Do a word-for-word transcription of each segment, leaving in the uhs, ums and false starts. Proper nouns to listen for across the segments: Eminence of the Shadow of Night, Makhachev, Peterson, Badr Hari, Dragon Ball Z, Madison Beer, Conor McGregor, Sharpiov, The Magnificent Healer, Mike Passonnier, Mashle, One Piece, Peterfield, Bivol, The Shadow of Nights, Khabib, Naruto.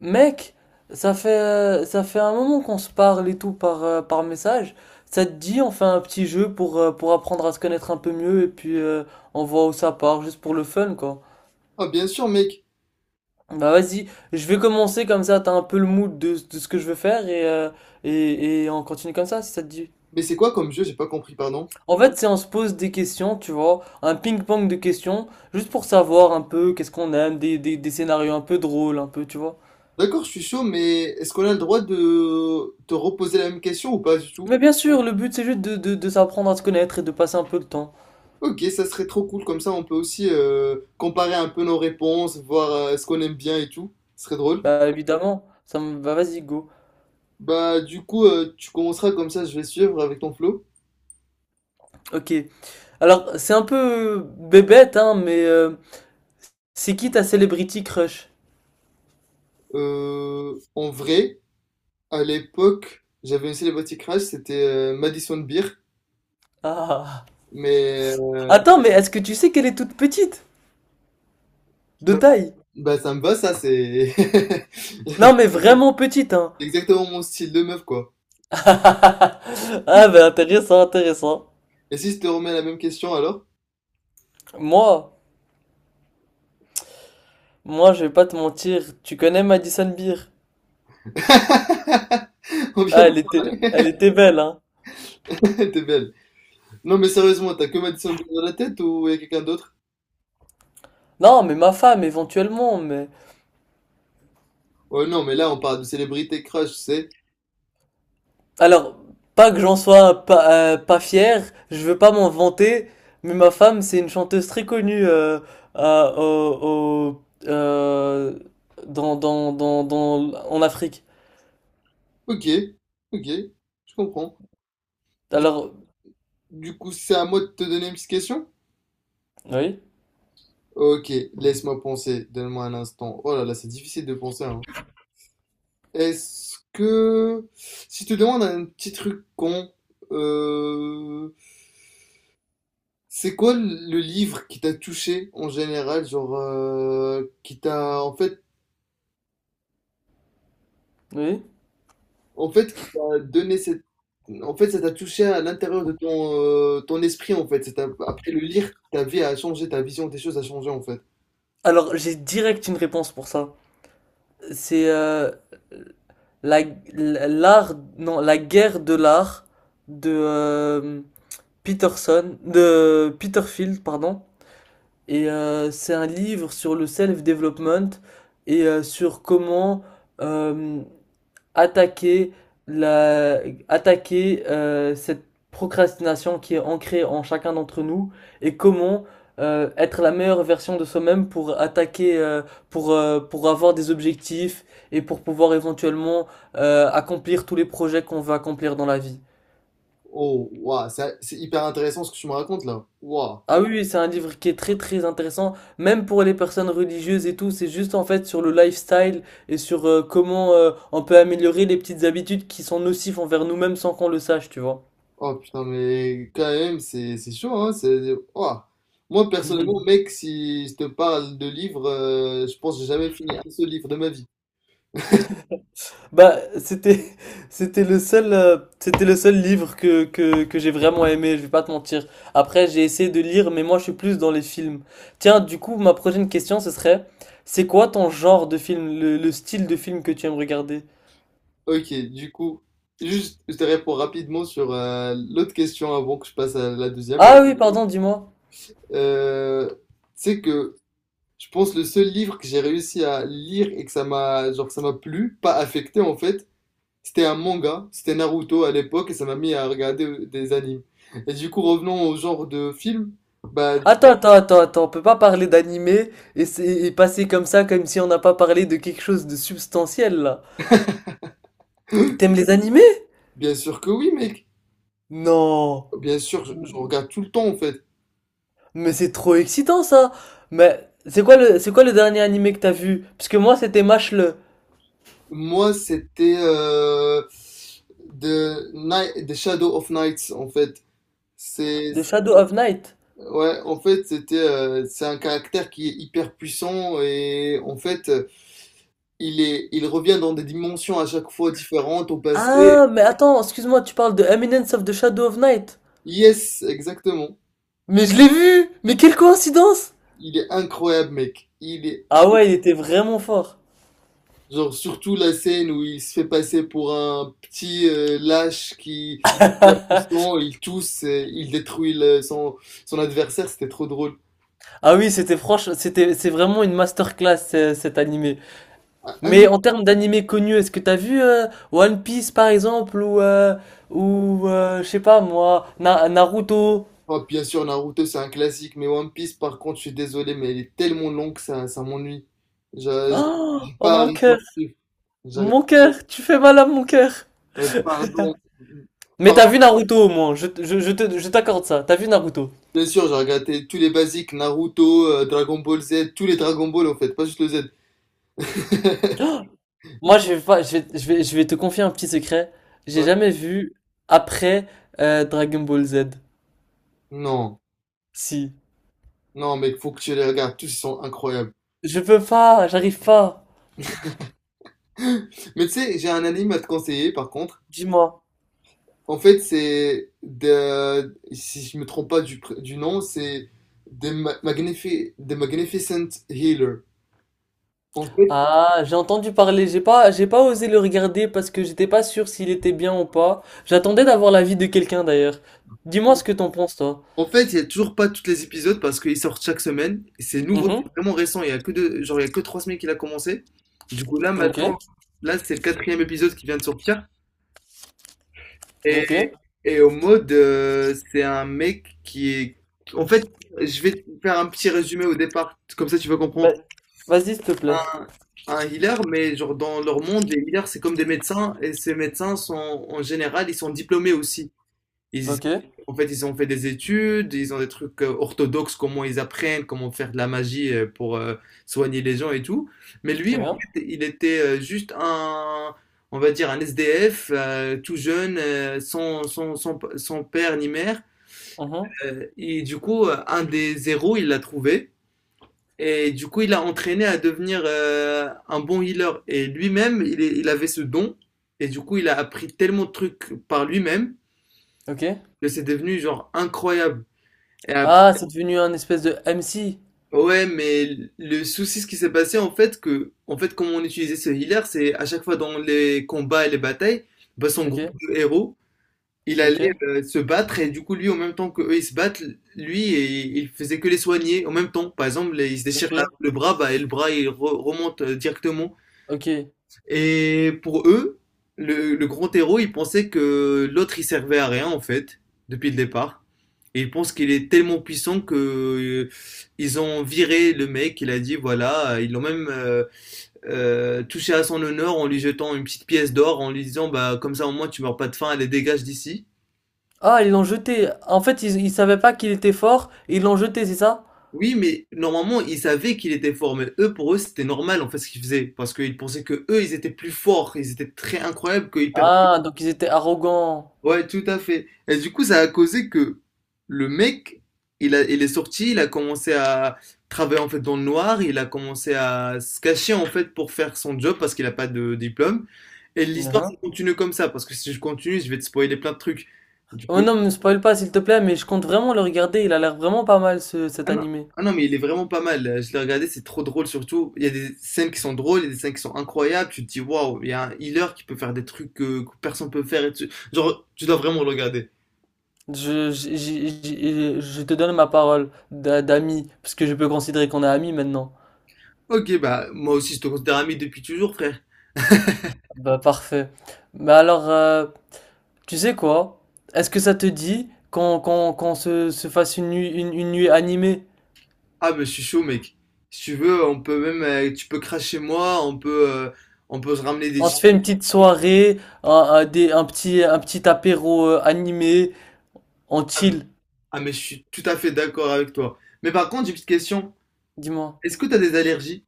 Mec, ça fait, euh, ça fait un moment qu'on se parle et tout par, euh, par message. Ça te dit, on fait un petit jeu pour, euh, pour apprendre à se connaître un peu mieux et puis euh, on voit où ça part, juste pour le fun, quoi. Ah bien sûr mec, Bah vas-y, je vais commencer comme ça, t'as un peu le mood de, de ce que je veux faire et, euh, et, et on continue comme ça, si ça te dit. mais c'est quoi comme jeu? J'ai pas compris, pardon. En fait, c'est on se pose des questions, tu vois, un ping-pong de questions, juste pour savoir un peu qu'est-ce qu'on aime, des, des, des scénarios un peu drôles, un peu, tu vois. D'accord, je suis chaud, mais est-ce qu'on a le droit de te reposer la même question ou pas du tout? Mais bien sûr, le but c'est juste de, de, de s'apprendre à se connaître et de passer un peu de temps. Ok, ça serait trop cool, comme ça on peut aussi euh, comparer un peu nos réponses, voir euh, ce qu'on aime bien et tout. Ce serait drôle. Bah évidemment, ça me va, vas-y go. Bah du coup, euh, tu commenceras comme ça, je vais suivre avec ton flow. Ok. Alors c'est un peu bébête hein, mais euh, c'est qui ta celebrity crush? Euh, en vrai, à l'époque, j'avais une célébrité crush, c'était euh, Madison Beer, Ah. mais euh, Attends, mais est-ce que tu sais qu'elle est toute petite? De bah, taille? bah, ça me va ça, c'est Non mais vraiment petite hein. exactement mon style de meuf quoi. Ah bah intéressant, intéressant. Et si je te remets la même question alors? Moi, moi je vais pas te mentir, tu connais Madison Beer? On vient Ah elle était, de parler. elle était belle hein. T'es belle. Non mais sérieusement, t'as que Madison Beer dans la tête ou y a quelqu'un d'autre? Non mais ma femme éventuellement, mais Ouais, non mais là on parle de célébrité crush, c'est. alors, pas que j'en sois pas, euh, pas fier, je veux pas m'en vanter, mais ma femme, c'est une chanteuse très connue euh, à- au, au- euh, dans, dans, dans, dans- en Afrique. Ok, ok, je comprends. Du, Alors, du coup, c'est à moi de te donner une petite question? oui, Ok, laisse-moi penser, donne-moi un instant. Oh là là, c'est difficile de penser, hein. Est-ce que... Si je te demande un petit truc con, euh, c'est quoi le le livre qui t'a touché en général, genre euh, qui t'a en fait oui. en fait qui t'a donné cette en fait ça t'a touché à l'intérieur de ton euh, ton esprit en fait. C'est t'a- après le lire, ta vie a changé, ta vision des choses a changé en fait. Alors, j'ai direct une réponse pour ça. C'est euh, la, l'art, non, la guerre de l'art de euh, Peterson, de Peterfield, pardon. Et euh, c'est un livre sur le self-development et euh, sur comment euh, attaquer la, attaquer euh, cette procrastination qui est ancrée en chacun d'entre nous et comment euh, être la meilleure version de soi-même pour attaquer, euh, pour, euh, pour avoir des objectifs et pour pouvoir éventuellement euh, accomplir tous les projets qu'on veut accomplir dans la vie. Oh waouh, ça- c'est hyper intéressant ce que tu me racontes là. Waouh. Ah oui, oui, c'est un livre qui est très très intéressant, même pour les personnes religieuses et tout, c'est juste en fait sur le lifestyle et sur euh, comment euh, on peut améliorer les petites habitudes qui sont nocives envers nous-mêmes sans qu'on le sache, tu vois. Oh putain mais quand même c'est c'est chaud hein, c'est waouh. Moi personnellement mec, si je te parle de livres, euh, je pense que j'ai jamais fini un seul livre de ma vie. Bah, c'était c'était le seul euh, c'était le seul livre que que que j'ai vraiment aimé, je vais pas te mentir. Après, j'ai essayé de lire, mais moi je suis plus dans les films. Tiens, du coup, ma prochaine question ce serait, c'est quoi ton genre de film, le, le style de film que tu aimes regarder? Ok, du coup, juste, je te réponds rapidement sur euh, l'autre question avant que je passe à la deuxième. Ok. Ah oui, pardon, dis-moi. Euh, c'est que je pense le seul livre que j'ai réussi à lire et que ça m'a, genre, ça m'a plu, pas affecté en fait, c'était un manga, c'était Naruto à l'époque et ça m'a mis à regarder euh, des animes. Et du coup, revenons au genre de film, bah, Attends, attends, attends, attends, on peut pas parler d'animé et, c'est- et passer comme ça, comme si on n'a pas parlé de quelque chose de substantiel là. T'aimes les animés? bien sûr que oui, mec. Non. Bien sûr, je, je regarde tout le temps en fait. Mais c'est trop excitant ça. Mais c'est quoi le, c'est quoi le dernier animé que t'as vu? Parce que moi c'était Mashle, Moi, c'était euh, The, Ni- The Shadow of Nights, en fait. C'est, de Shadow of Night. ouais, en fait, c'était, euh, c'est un caractère qui est hyper puissant et en fait, euh, il est, il revient dans des dimensions à chaque fois différentes au passé. Ah, mais attends, excuse-moi, tu parles de Eminence of the Shadow of Night. Yes, exactement. Mais je l'ai vu! Mais quelle coïncidence! Il est incroyable, mec. Il est, in- Ah ouais, il était vraiment fort. Genre, surtout la scène où il se fait passer pour un petit euh, lâche qui, est pas puissant, il tousse, et il détruit le- son, son adversaire, c'était trop drôle. Ah oui, c'était franche, c'était, c'est vraiment une masterclass euh, cet animé. Un, Mais un en termes d'animés connus, est-ce que t'as vu euh, One Piece par exemple ou euh, ou euh, je sais pas moi Na- Naruto? Oh, bien sûr, Naruto, c'est un classique, mais One Piece, par contre, je suis désolé, mais il est tellement long que ça, ça m'ennuie. Je n'arrive Oh, oh, pas à mon arriver à cœur, suivre. J'arrive- mon cœur, tu fais mal à mon cœur. euh, Pardon. Mais t'as Pardon. vu Naruto au moins, je, je, je te- je t'accorde ça. T'as vu Naruto. Bien sûr, j'ai regardé tous les basiques, Naruto, euh, Dragon Ball Z, tous les Dragon Ball, en fait, pas juste le Z. Moi je vais pas, je vais, je vais, je vais te confier un petit secret. J'ai Ouais. jamais vu après euh, Dragon Ball Z. Non, Si. non, mec, faut que tu les regardes, tous ils sont incroyables. Je peux pas, j'arrive pas. Mais tu sais, j'ai un anime à te conseiller, par contre. Dis-moi. En fait, c'est de, si je me trompe pas du, pr- du nom, c'est The Ma- Magnifi- The Magnificent Healer. En fait, Ah, j'ai entendu parler, j'ai pas, j'ai pas osé le regarder parce que j'étais pas sûr s'il était bien ou pas. J'attendais d'avoir l'avis de quelqu'un d'ailleurs. Dis-moi ce que t'en penses, toi. en fait, il y a toujours pas tous les épisodes parce qu'ils sortent chaque semaine. Et c'est nouveau, c'est Mhm. vraiment récent. Il y a que deux, genre, il y a que trois semaines qu'il a commencé. Du coup, là, Ok, maintenant, là, c'est le quatrième épisode qui vient de sortir. Et, ok. et au mode, euh, c'est un mec qui est. En fait, je vais te faire un petit résumé au départ, comme ça tu vas comprendre. Bah, vas-y, s'il te plaît. Un, un healer, mais genre dans leur monde, les healers, c'est comme des médecins, et ces médecins sont en général, ils sont diplômés aussi. Ils, Ok, en fait, ils ont fait des études, ils ont des trucs euh, orthodoxes, comment ils apprennent, comment faire de la magie euh, pour euh, soigner les gens et tout. Mais lui, très en bien. fait, il était euh, juste un, on va dire, un S D F, euh, tout jeune, euh, sans, sans, sans, sans père ni mère. Mhm. Euh, et du coup, euh, un des héros, il l'a trouvé. Et du coup, il l'a entraîné à devenir euh, un bon healer. Et lui-même, il, est- il avait ce don. Et du coup, il a appris tellement de trucs par lui-même Ok. que c'est devenu genre incroyable. Et ap- Ah, c'est devenu un espèce de M C. ouais, mais le souci, ce qui s'est passé, en fait, que, en fait, comment on utilisait ce healer, c'est à chaque fois dans les combats et les batailles, bah, son Ok, groupe de héros, il ok, allait euh, se battre et du coup, lui, en même temps que eux, ils se battent, lui, et, il faisait que les soigner en même temps. Par exemple, il se déchire ok, la- le bras, bah, et le bras, il re- remonte euh, directement. ok. Et pour eux, le, le grand héros, il pensait que l'autre, il servait à rien, en fait, depuis le départ. Et il pense qu'il est tellement puissant que euh, ils ont viré le mec. Il a dit voilà, euh, ils l'ont même euh, euh, touché à son honneur en lui jetant une petite pièce d'or, en lui disant bah comme ça au moins tu meurs pas de faim, allez dégage d'ici. Ah, ils l'ont jeté. En fait, ils, ils savaient pas qu'il était fort et ils l'ont jeté, c'est ça? Oui, mais normalement ils savaient qu'il était fort, mais eux pour eux c'était normal en fait ce qu'ils faisaient parce qu'ils pensaient que eux ils étaient plus forts, ils étaient très incroyables, qu'ils perdaient. Ah, donc ils étaient arrogants. Ouais, tout à fait. Et du coup, ça a causé que le mec, il a, il est sorti, il a commencé à travailler en fait dans le noir, il a commencé à se cacher en fait pour faire son job parce qu'il n'a pas de diplôme. Et l'histoire, ça Mhm. continue comme ça, parce que si je continue, je vais te spoiler plein de trucs. Du Oh coup, non, me spoil pas s'il te plaît, mais je compte vraiment le regarder, il a l'air vraiment pas mal ce, cet ah non, animé. ah non, mais il est vraiment pas mal. Je l'ai regardé, c'est trop drôle surtout. Il y a des scènes qui sont drôles, il y a des scènes qui sont incroyables. Tu te dis, waouh, il y a un healer qui peut faire des trucs que, que personne peut faire. Et tu- genre, tu dois vraiment le regarder. Je, je, je- je- je te donne ma parole d'a- d'ami, parce que je peux considérer qu'on est amis maintenant. Ok, bah moi aussi je te considère ami depuis toujours, frère. Bah parfait. Bah alors, euh, tu sais quoi? Est-ce que ça te dit qu'on qu'on, qu'on se, se fasse une nuit, une, une nuit animée? Ah mais je suis chaud, mec. Si tu veux, on peut même, euh, tu peux cracher chez moi, on peut, euh, on peut se ramener des On se chips. fait une petite soirée, un, un- des, un petit, un petit apéro euh, animé, on Ah mais chill. ah, mais je suis tout à fait d'accord avec toi. Mais par contre, j'ai une petite question. Dis-moi. Est-ce que t'as des allergies?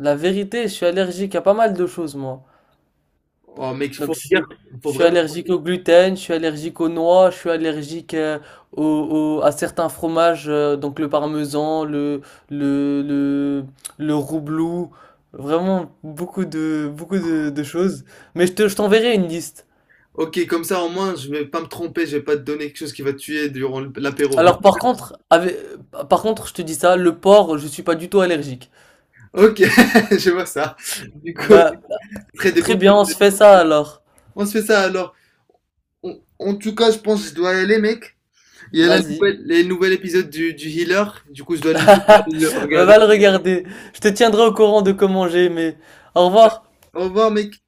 La vérité, je suis allergique à pas mal de choses, moi. Oh mec, il Donc, faut je, me dire, suis il faut je suis vraiment. allergique au gluten, je suis allergique aux noix, je suis allergique euh, au- au- à certains fromages, euh, donc le parmesan, le, le, le, le roublou, vraiment beaucoup de, beaucoup de, de choses. Mais je te, je t'enverrai une liste. Ok, comme ça au moins je vais pas me tromper, je vais pas te donner quelque chose qui va te tuer durant l'apéro. Alors, par contre, avec- par contre, je te dis ça, le porc, je suis pas du tout allergique. Ok, je vois ça. Du coup, Bah, très des bons très bien, coups. on se fait ça alors. On se fait ça alors. En en tout cas, je pense que je dois y aller, mec. Il y a la Vas-y. nouvelle, les nouveaux épisodes du, du Healer, du coup je dois le Bah, le regarder. va le regarder. Je te tiendrai au courant de comment j'ai aimé. Au revoir. Au revoir mec.